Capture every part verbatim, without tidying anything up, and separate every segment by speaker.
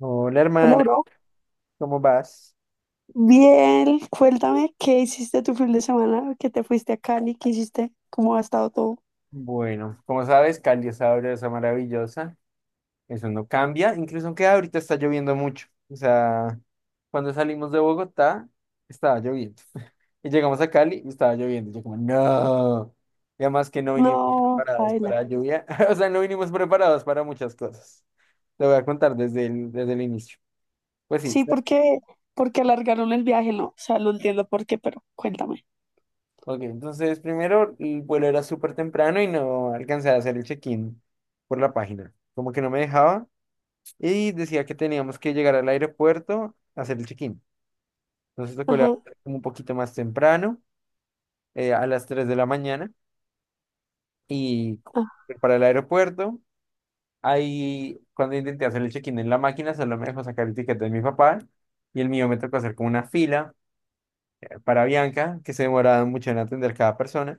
Speaker 1: Hola
Speaker 2: Hola,
Speaker 1: hermana,
Speaker 2: bro.
Speaker 1: ¿cómo vas?
Speaker 2: Bien, cuéntame qué hiciste tu fin de semana, que te fuiste a Cali, qué hiciste, cómo ha estado todo.
Speaker 1: Bueno, como sabes, Cali es sabrosa, maravillosa. Eso no cambia, incluso aunque ahorita está lloviendo mucho. O sea, cuando salimos de Bogotá, estaba lloviendo. Y llegamos a Cali y estaba lloviendo. Y yo como, no. Y además que no vinimos
Speaker 2: No,
Speaker 1: preparados para
Speaker 2: baila.
Speaker 1: la lluvia. O sea, no vinimos preparados para muchas cosas. Te voy a contar desde el, desde el inicio. Pues sí.
Speaker 2: Sí, porque, porque alargaron el viaje, no, o sea, no entiendo por qué, pero cuéntame.
Speaker 1: Ok, entonces primero el vuelo era súper temprano y no alcancé a hacer el check-in por la página. Como que no me dejaba y decía que teníamos que llegar al aeropuerto a hacer el check-in. Entonces tocó
Speaker 2: Ajá.
Speaker 1: levantarme como un poquito más temprano, eh, a las tres de la mañana y
Speaker 2: Ajá.
Speaker 1: correr para el aeropuerto. Ahí cuando intenté hacer el check-in en la máquina solo me dejó sacar el ticket de mi papá y el mío me tocó hacer como una fila eh, para Bianca que se demoraba mucho en atender cada persona.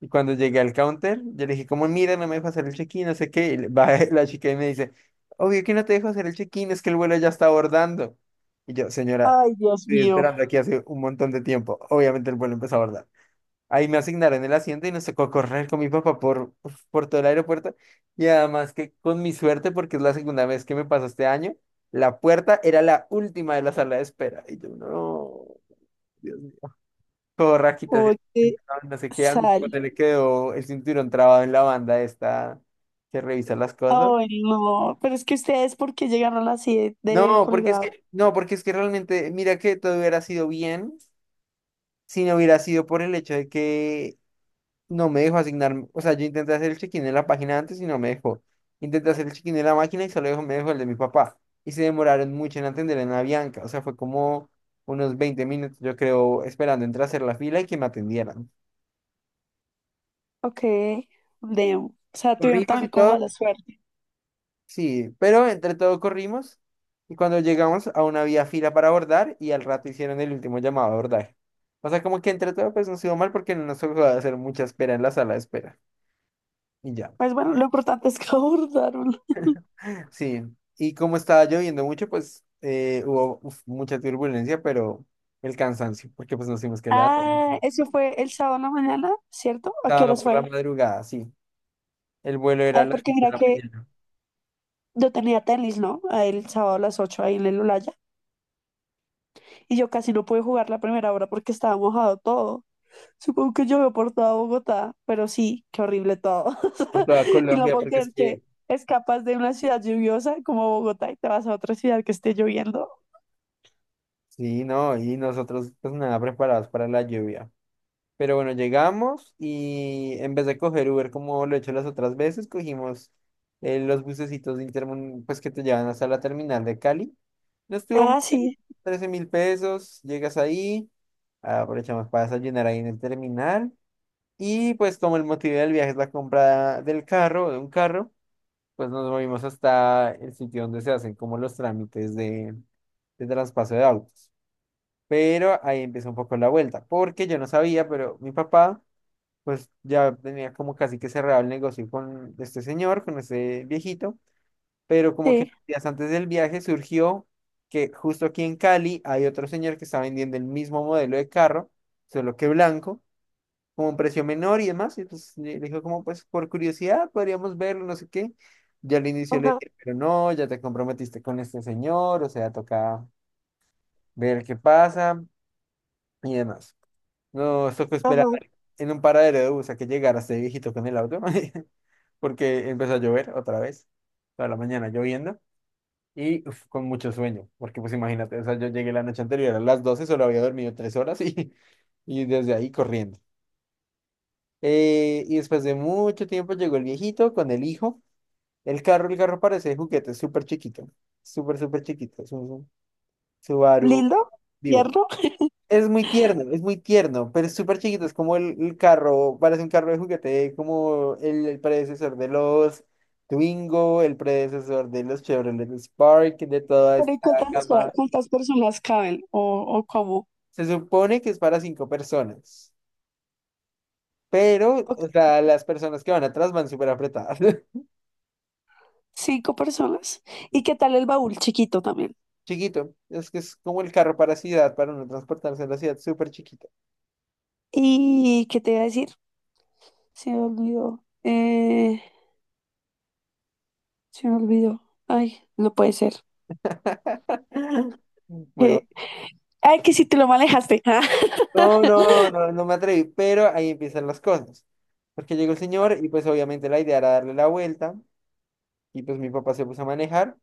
Speaker 1: Y cuando llegué al counter, yo le dije, como, mira, no me dejo hacer el check-in, no sé qué. Y le- va la chica y me dice, obvio que no te dejo hacer el check-in, es que el vuelo ya está abordando. Y yo, señora,
Speaker 2: Ay, Dios
Speaker 1: estoy
Speaker 2: mío.
Speaker 1: esperando aquí hace un montón de tiempo. Obviamente el vuelo empezó a abordar. Ahí me asignaron el asiento y nos tocó correr con mi papá por, uf, por todo el aeropuerto. Y además que con mi suerte, porque es la segunda vez que me pasa este año, la puerta era la última de la sala de espera. Y yo, no. Todo rajita, así,
Speaker 2: Oye,
Speaker 1: no sé qué,
Speaker 2: sal.
Speaker 1: árbitro, se le quedó el cinturón trabado en la banda esta que revisa las cosas.
Speaker 2: Ay, no. Pero es que ustedes, ¿por qué llegaron así de, de
Speaker 1: No, porque es
Speaker 2: colgado?
Speaker 1: que, no, porque es que realmente, mira que todo hubiera sido bien si no hubiera sido por el hecho de que no me dejó asignar, o sea, yo intenté hacer el check-in en la página antes y no me dejó. Intenté hacer el check-in en la máquina y solo dejó- me dejó el de mi papá. Y se demoraron mucho en atender en la Bianca, o sea, fue como unos veinte minutos, yo creo, esperando entre hacer la fila y que me atendieran.
Speaker 2: Ok, de, o sea, tuvieron
Speaker 1: Corrimos y
Speaker 2: también como
Speaker 1: todo.
Speaker 2: mala suerte.
Speaker 1: Sí, pero entre todo corrimos y cuando llegamos a una vía fila para abordar y al rato hicieron el último llamado a abordar. O sea, como que entre todo pues nos iba mal porque no nos tocó hacer mucha espera en la sala de espera. Y ya.
Speaker 2: Pues bueno, lo importante es que abordaron.
Speaker 1: Sí, y como estaba lloviendo mucho, pues eh, hubo uf, mucha turbulencia, pero el cansancio, porque pues nos tuvimos que levantar.
Speaker 2: Ah, eso fue el sábado en la mañana, ¿cierto? ¿A qué
Speaker 1: Estaba
Speaker 2: horas
Speaker 1: por la
Speaker 2: fue?
Speaker 1: madrugada, sí. El vuelo era a
Speaker 2: Ay,
Speaker 1: las
Speaker 2: porque
Speaker 1: cinco
Speaker 2: mira
Speaker 1: de la
Speaker 2: que
Speaker 1: mañana
Speaker 2: yo tenía tenis, ¿no? Ahí el sábado a las ocho ahí en el Olaya. Y yo casi no pude jugar la primera hora porque estaba mojado todo. Supongo que llovió por toda Bogotá, pero sí, qué horrible todo.
Speaker 1: por toda
Speaker 2: Y no
Speaker 1: Colombia,
Speaker 2: puedo
Speaker 1: porque es
Speaker 2: creer que
Speaker 1: que...
Speaker 2: escapas de una ciudad lluviosa como Bogotá y te vas a otra ciudad que esté lloviendo.
Speaker 1: Sí, no, y nosotros pues nada preparados para la lluvia. Pero bueno, llegamos y en vez de coger Uber como lo he hecho las otras veces, cogimos eh, los bucecitos de Intermun, pues que te llevan hasta la terminal de Cali. No estuvo mal,
Speaker 2: Ah, sí,
Speaker 1: trece mil pesos, llegas ahí, aprovechamos para desayunar ahí en el terminal. Y pues como el motivo del viaje es la compra del carro, de un carro, pues nos movimos hasta el sitio donde se hacen como los trámites de, de traspaso de autos. Pero ahí empieza un poco la vuelta, porque yo no sabía, pero mi papá pues ya tenía como casi que cerrado el negocio con este señor, con este viejito, pero como que
Speaker 2: sí.
Speaker 1: días antes del viaje surgió que justo aquí en Cali hay otro señor que está vendiendo el mismo modelo de carro, solo que blanco, como un precio menor y demás, y pues le le dijo como pues por curiosidad podríamos verlo, no sé qué. Ya al inicio le
Speaker 2: Ajá,
Speaker 1: dije, pero no, ya te comprometiste con este señor, o sea, toca ver qué pasa y demás. No, tocó esperar
Speaker 2: ajá.
Speaker 1: en un paradero de bus a que llegara este viejito con el auto. Porque empezó a llover otra vez, toda la mañana lloviendo y uf, con mucho sueño, porque pues imagínate, o sea, yo llegué la noche anterior a las doce, solo había dormido tres horas y, y desde ahí corriendo. Eh, y después de mucho tiempo llegó el viejito con el hijo, el carro, el carro parece de juguete, es súper chiquito, súper, súper chiquito, es un Subaru
Speaker 2: Lindo,
Speaker 1: vivo.
Speaker 2: tierno.
Speaker 1: Es muy tierno, es muy tierno, pero es súper chiquito, es como el, el carro, parece un carro de juguete, como el, el predecesor de los Twingo, el predecesor de los Chevrolet Spark, de toda
Speaker 2: Pero
Speaker 1: esta
Speaker 2: ¿y cuántas, espera,
Speaker 1: gama.
Speaker 2: cuántas personas caben o, o cómo?
Speaker 1: Se supone que es para cinco personas, pero, o sea, las personas que van atrás van súper apretadas.
Speaker 2: Cinco personas. ¿Y qué tal el baúl chiquito también?
Speaker 1: Chiquito, es que es como el carro para ciudad, para uno transportarse en la ciudad, súper chiquito.
Speaker 2: ¿Y qué te iba a decir? Se me olvidó. Eh, se me olvidó. Ay, no puede ser.
Speaker 1: Bueno,
Speaker 2: Eh, Ay, que si te lo manejaste. Ah,
Speaker 1: no, no, no, no me atreví, pero ahí empiezan las cosas. Porque llegó el señor y pues obviamente la idea era darle la vuelta y pues mi papá se puso a manejar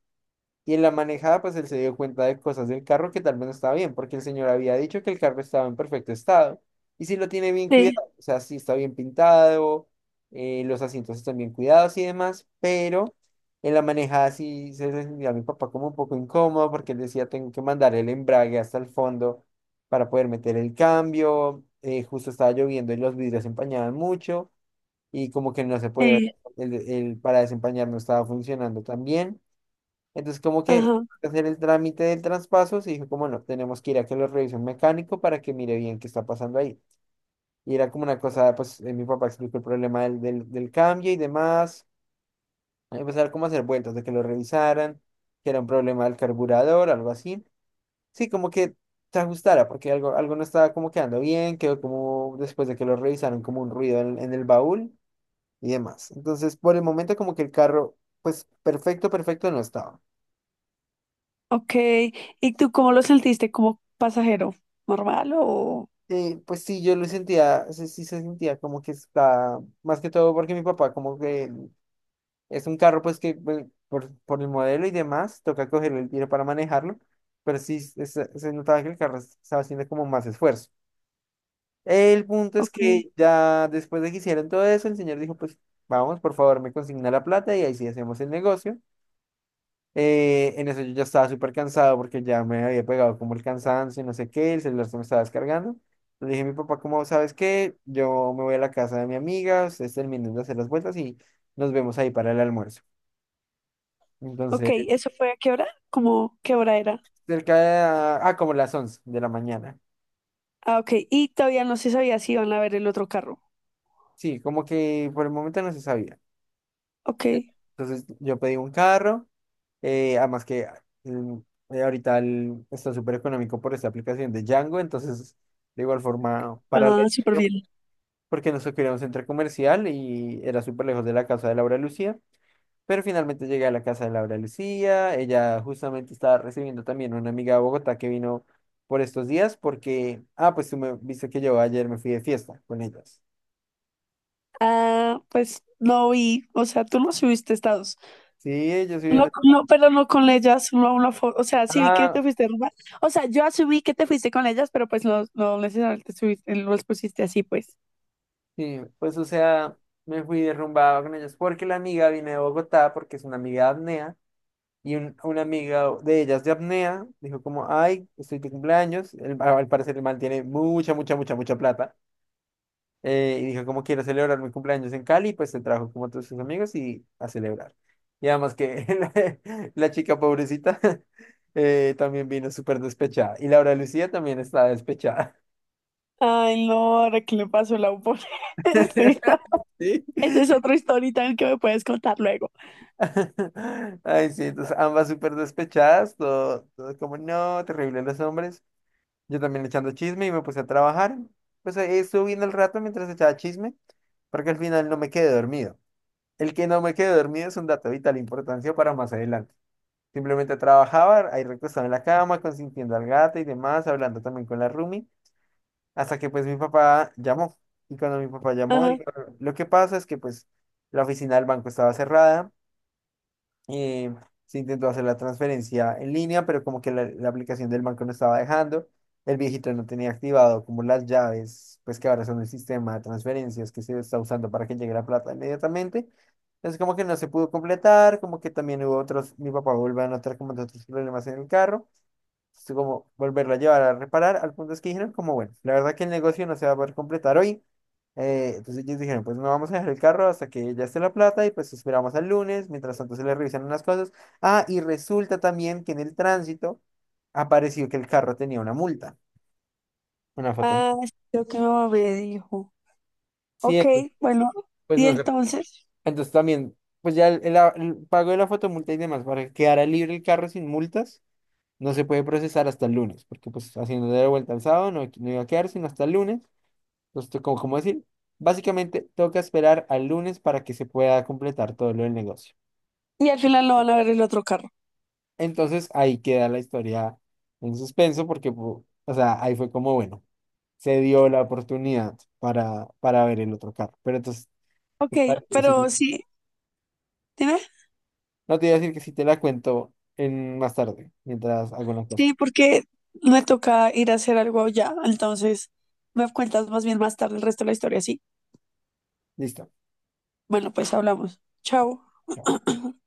Speaker 1: y en la manejada, pues él se dio cuenta de cosas del carro que tal vez no estaba bien, porque el señor había dicho que el carro estaba en perfecto estado. Y si lo tiene bien
Speaker 2: sí,
Speaker 1: cuidado, o sea, sí está bien pintado, eh, los asientos están bien cuidados y demás, pero en la manejada sí se le sentía a mi papá como un poco incómodo, porque él decía, tengo que mandar el embrague hasta el fondo para poder meter el cambio. Eh, justo estaba lloviendo y los vidrios se empañaban mucho, y como que no se podía,
Speaker 2: sí.
Speaker 1: el, el para desempañar no estaba funcionando tan bien. Entonces, como que
Speaker 2: Ajá.
Speaker 1: hacer el trámite del traspaso, se dijo como no, tenemos que ir a que lo revise un mecánico para que mire bien qué está pasando ahí. Y era como una cosa, pues eh, mi papá explicó el problema del, del, del cambio y demás. Empezar como a hacer vueltas de que lo revisaran, que era un problema del carburador, algo así. Sí, como que se ajustara, porque algo, algo no estaba como quedando bien, quedó como después de que lo revisaron como un ruido en, en el baúl y demás. Entonces, por el momento como que el carro, pues perfecto, perfecto no estaba.
Speaker 2: Ok. ¿Y tú cómo lo sentiste? ¿Como pasajero? ¿Normal o...?
Speaker 1: Eh, pues sí, yo lo sentía, sí, sí se sentía como que está, más que todo porque mi papá como que es un carro pues que pues, por, por el modelo y demás, toca cogerlo el tiro para manejarlo, pero sí se, se- se notaba que el carro estaba haciendo como más esfuerzo. El punto es
Speaker 2: Ok.
Speaker 1: que ya después de que hicieron todo eso, el señor dijo pues vamos, por favor, me consigna la plata y ahí sí hacemos el negocio. Eh, en eso yo ya estaba súper cansado porque ya me había pegado como el cansancio y no sé qué, el celular se me estaba descargando. Le dije a mi papá, como sabes qué? Yo me voy a la casa de mi amiga, ustedes terminen de hacer las vueltas y nos vemos ahí para el almuerzo.
Speaker 2: Ok,
Speaker 1: Entonces,
Speaker 2: ¿eso fue a qué hora? ¿Cómo qué hora era?
Speaker 1: cerca de, la- ah, como las once de la mañana.
Speaker 2: Ah, ok. Y todavía no se sabía si iban a ver el otro carro.
Speaker 1: Sí, como que por el momento no se sabía.
Speaker 2: Ok.
Speaker 1: Entonces yo pedí un carro, eh, además que mm, eh, ahorita el- está súper económico por esta aplicación de Django, entonces de igual forma para la...
Speaker 2: Ah, súper bien.
Speaker 1: porque nos quería un centro comercial y era súper lejos de la casa de Laura Lucía. Pero finalmente llegué a la casa de Laura Lucía. Ella justamente estaba recibiendo también una amiga de Bogotá que vino por estos días porque, ah, pues tú me viste que yo ayer me fui de fiesta con ellas.
Speaker 2: Ah, pues no vi. O sea, tú no subiste estados.
Speaker 1: Sí, yo soy
Speaker 2: No,
Speaker 1: una...
Speaker 2: no, pero no con ellas, solo una foto. O sea, sí vi que
Speaker 1: Ah,
Speaker 2: te fuiste a robar. O sea, yo asumí que te fuiste con ellas, pero pues no, no necesariamente subiste, no los pusiste así, pues.
Speaker 1: sí, pues o sea, me fui derrumbado con ellas porque la amiga vino de Bogotá porque es una amiga de apnea. Y un- una amiga de ellas de apnea dijo como, ay, estoy de cumpleaños. El- al parecer el man tiene mucha, mucha, mucha, mucha plata. Eh, y dijo, ¿cómo quiero celebrar mi cumpleaños en Cali? Pues se trajo como a todos sus amigos y a celebrar. Y además que la, la chica pobrecita eh, también vino súper despechada. Y Laura Lucía también estaba despechada.
Speaker 2: Ay, no, ahora que le pasó la upone. Sí,
Speaker 1: Sí.
Speaker 2: esa es otra historia que me puedes contar luego.
Speaker 1: Ay, sí, entonces ambas súper despechadas, todo, todo como, no, terrible los hombres. Yo también echando chisme y me puse a trabajar. Pues ahí estuve viendo el rato mientras echaba chisme, porque al final no me quedé dormido. El que no me quedé dormido es un dato de vital importancia para más adelante. Simplemente trabajaban ahí recostado en la cama, consintiendo al gato y demás, hablando también con la roomie hasta que pues mi papá llamó. Y cuando mi papá llamó,
Speaker 2: Ajá.
Speaker 1: dijo, lo que pasa es que pues la oficina del banco estaba cerrada, eh, se intentó hacer la transferencia en línea, pero como que la, la aplicación del banco no estaba dejando. El viejito no tenía activado como las llaves, pues que ahora son el sistema de transferencias que se está usando para que llegue la plata inmediatamente. Entonces como que no se pudo completar, como que también hubo otros, mi papá volvió a notar como de otros problemas en el carro es como volverla a llevar a reparar, al punto es que dijeron como, bueno, la verdad que el negocio no se va a poder completar hoy. Eh, entonces ellos dijeron, pues no vamos a dejar el carro hasta que ya esté la plata y pues esperamos al lunes, mientras tanto se le revisan unas cosas. Ah, y resulta también que en el tránsito apareció que el carro tenía una multa, una
Speaker 2: Ah,
Speaker 1: fotomulta.
Speaker 2: sí, lo que mi mamá me dijo.
Speaker 1: Sí,
Speaker 2: Ok,
Speaker 1: entonces,
Speaker 2: bueno,
Speaker 1: pues
Speaker 2: y
Speaker 1: no sé.
Speaker 2: entonces.
Speaker 1: Entonces también, pues ya el, el- el pago de la fotomulta y demás, para que quedara libre el carro sin multas, no se puede procesar hasta el lunes, porque pues haciendo de vuelta al sábado no, no iba a quedar sino hasta el lunes. Justo como, como decir, básicamente toca esperar al lunes para que se pueda completar todo lo del negocio.
Speaker 2: Y al final no van a ver el otro carro.
Speaker 1: Entonces ahí queda la historia en suspenso porque, pu- o sea, ahí fue como, bueno, se dio la oportunidad para, para ver el otro carro. Pero entonces, ¿te
Speaker 2: Ok,
Speaker 1: parece
Speaker 2: pero
Speaker 1: si-
Speaker 2: sí, dime.
Speaker 1: no te voy a decir que si te la cuento en más tarde, mientras hago una cosa.
Speaker 2: Sí, porque me toca ir a hacer algo ya, entonces me cuentas más bien más tarde el resto de la historia, sí.
Speaker 1: Listo.
Speaker 2: Bueno, pues hablamos. Chao.
Speaker 1: Chao.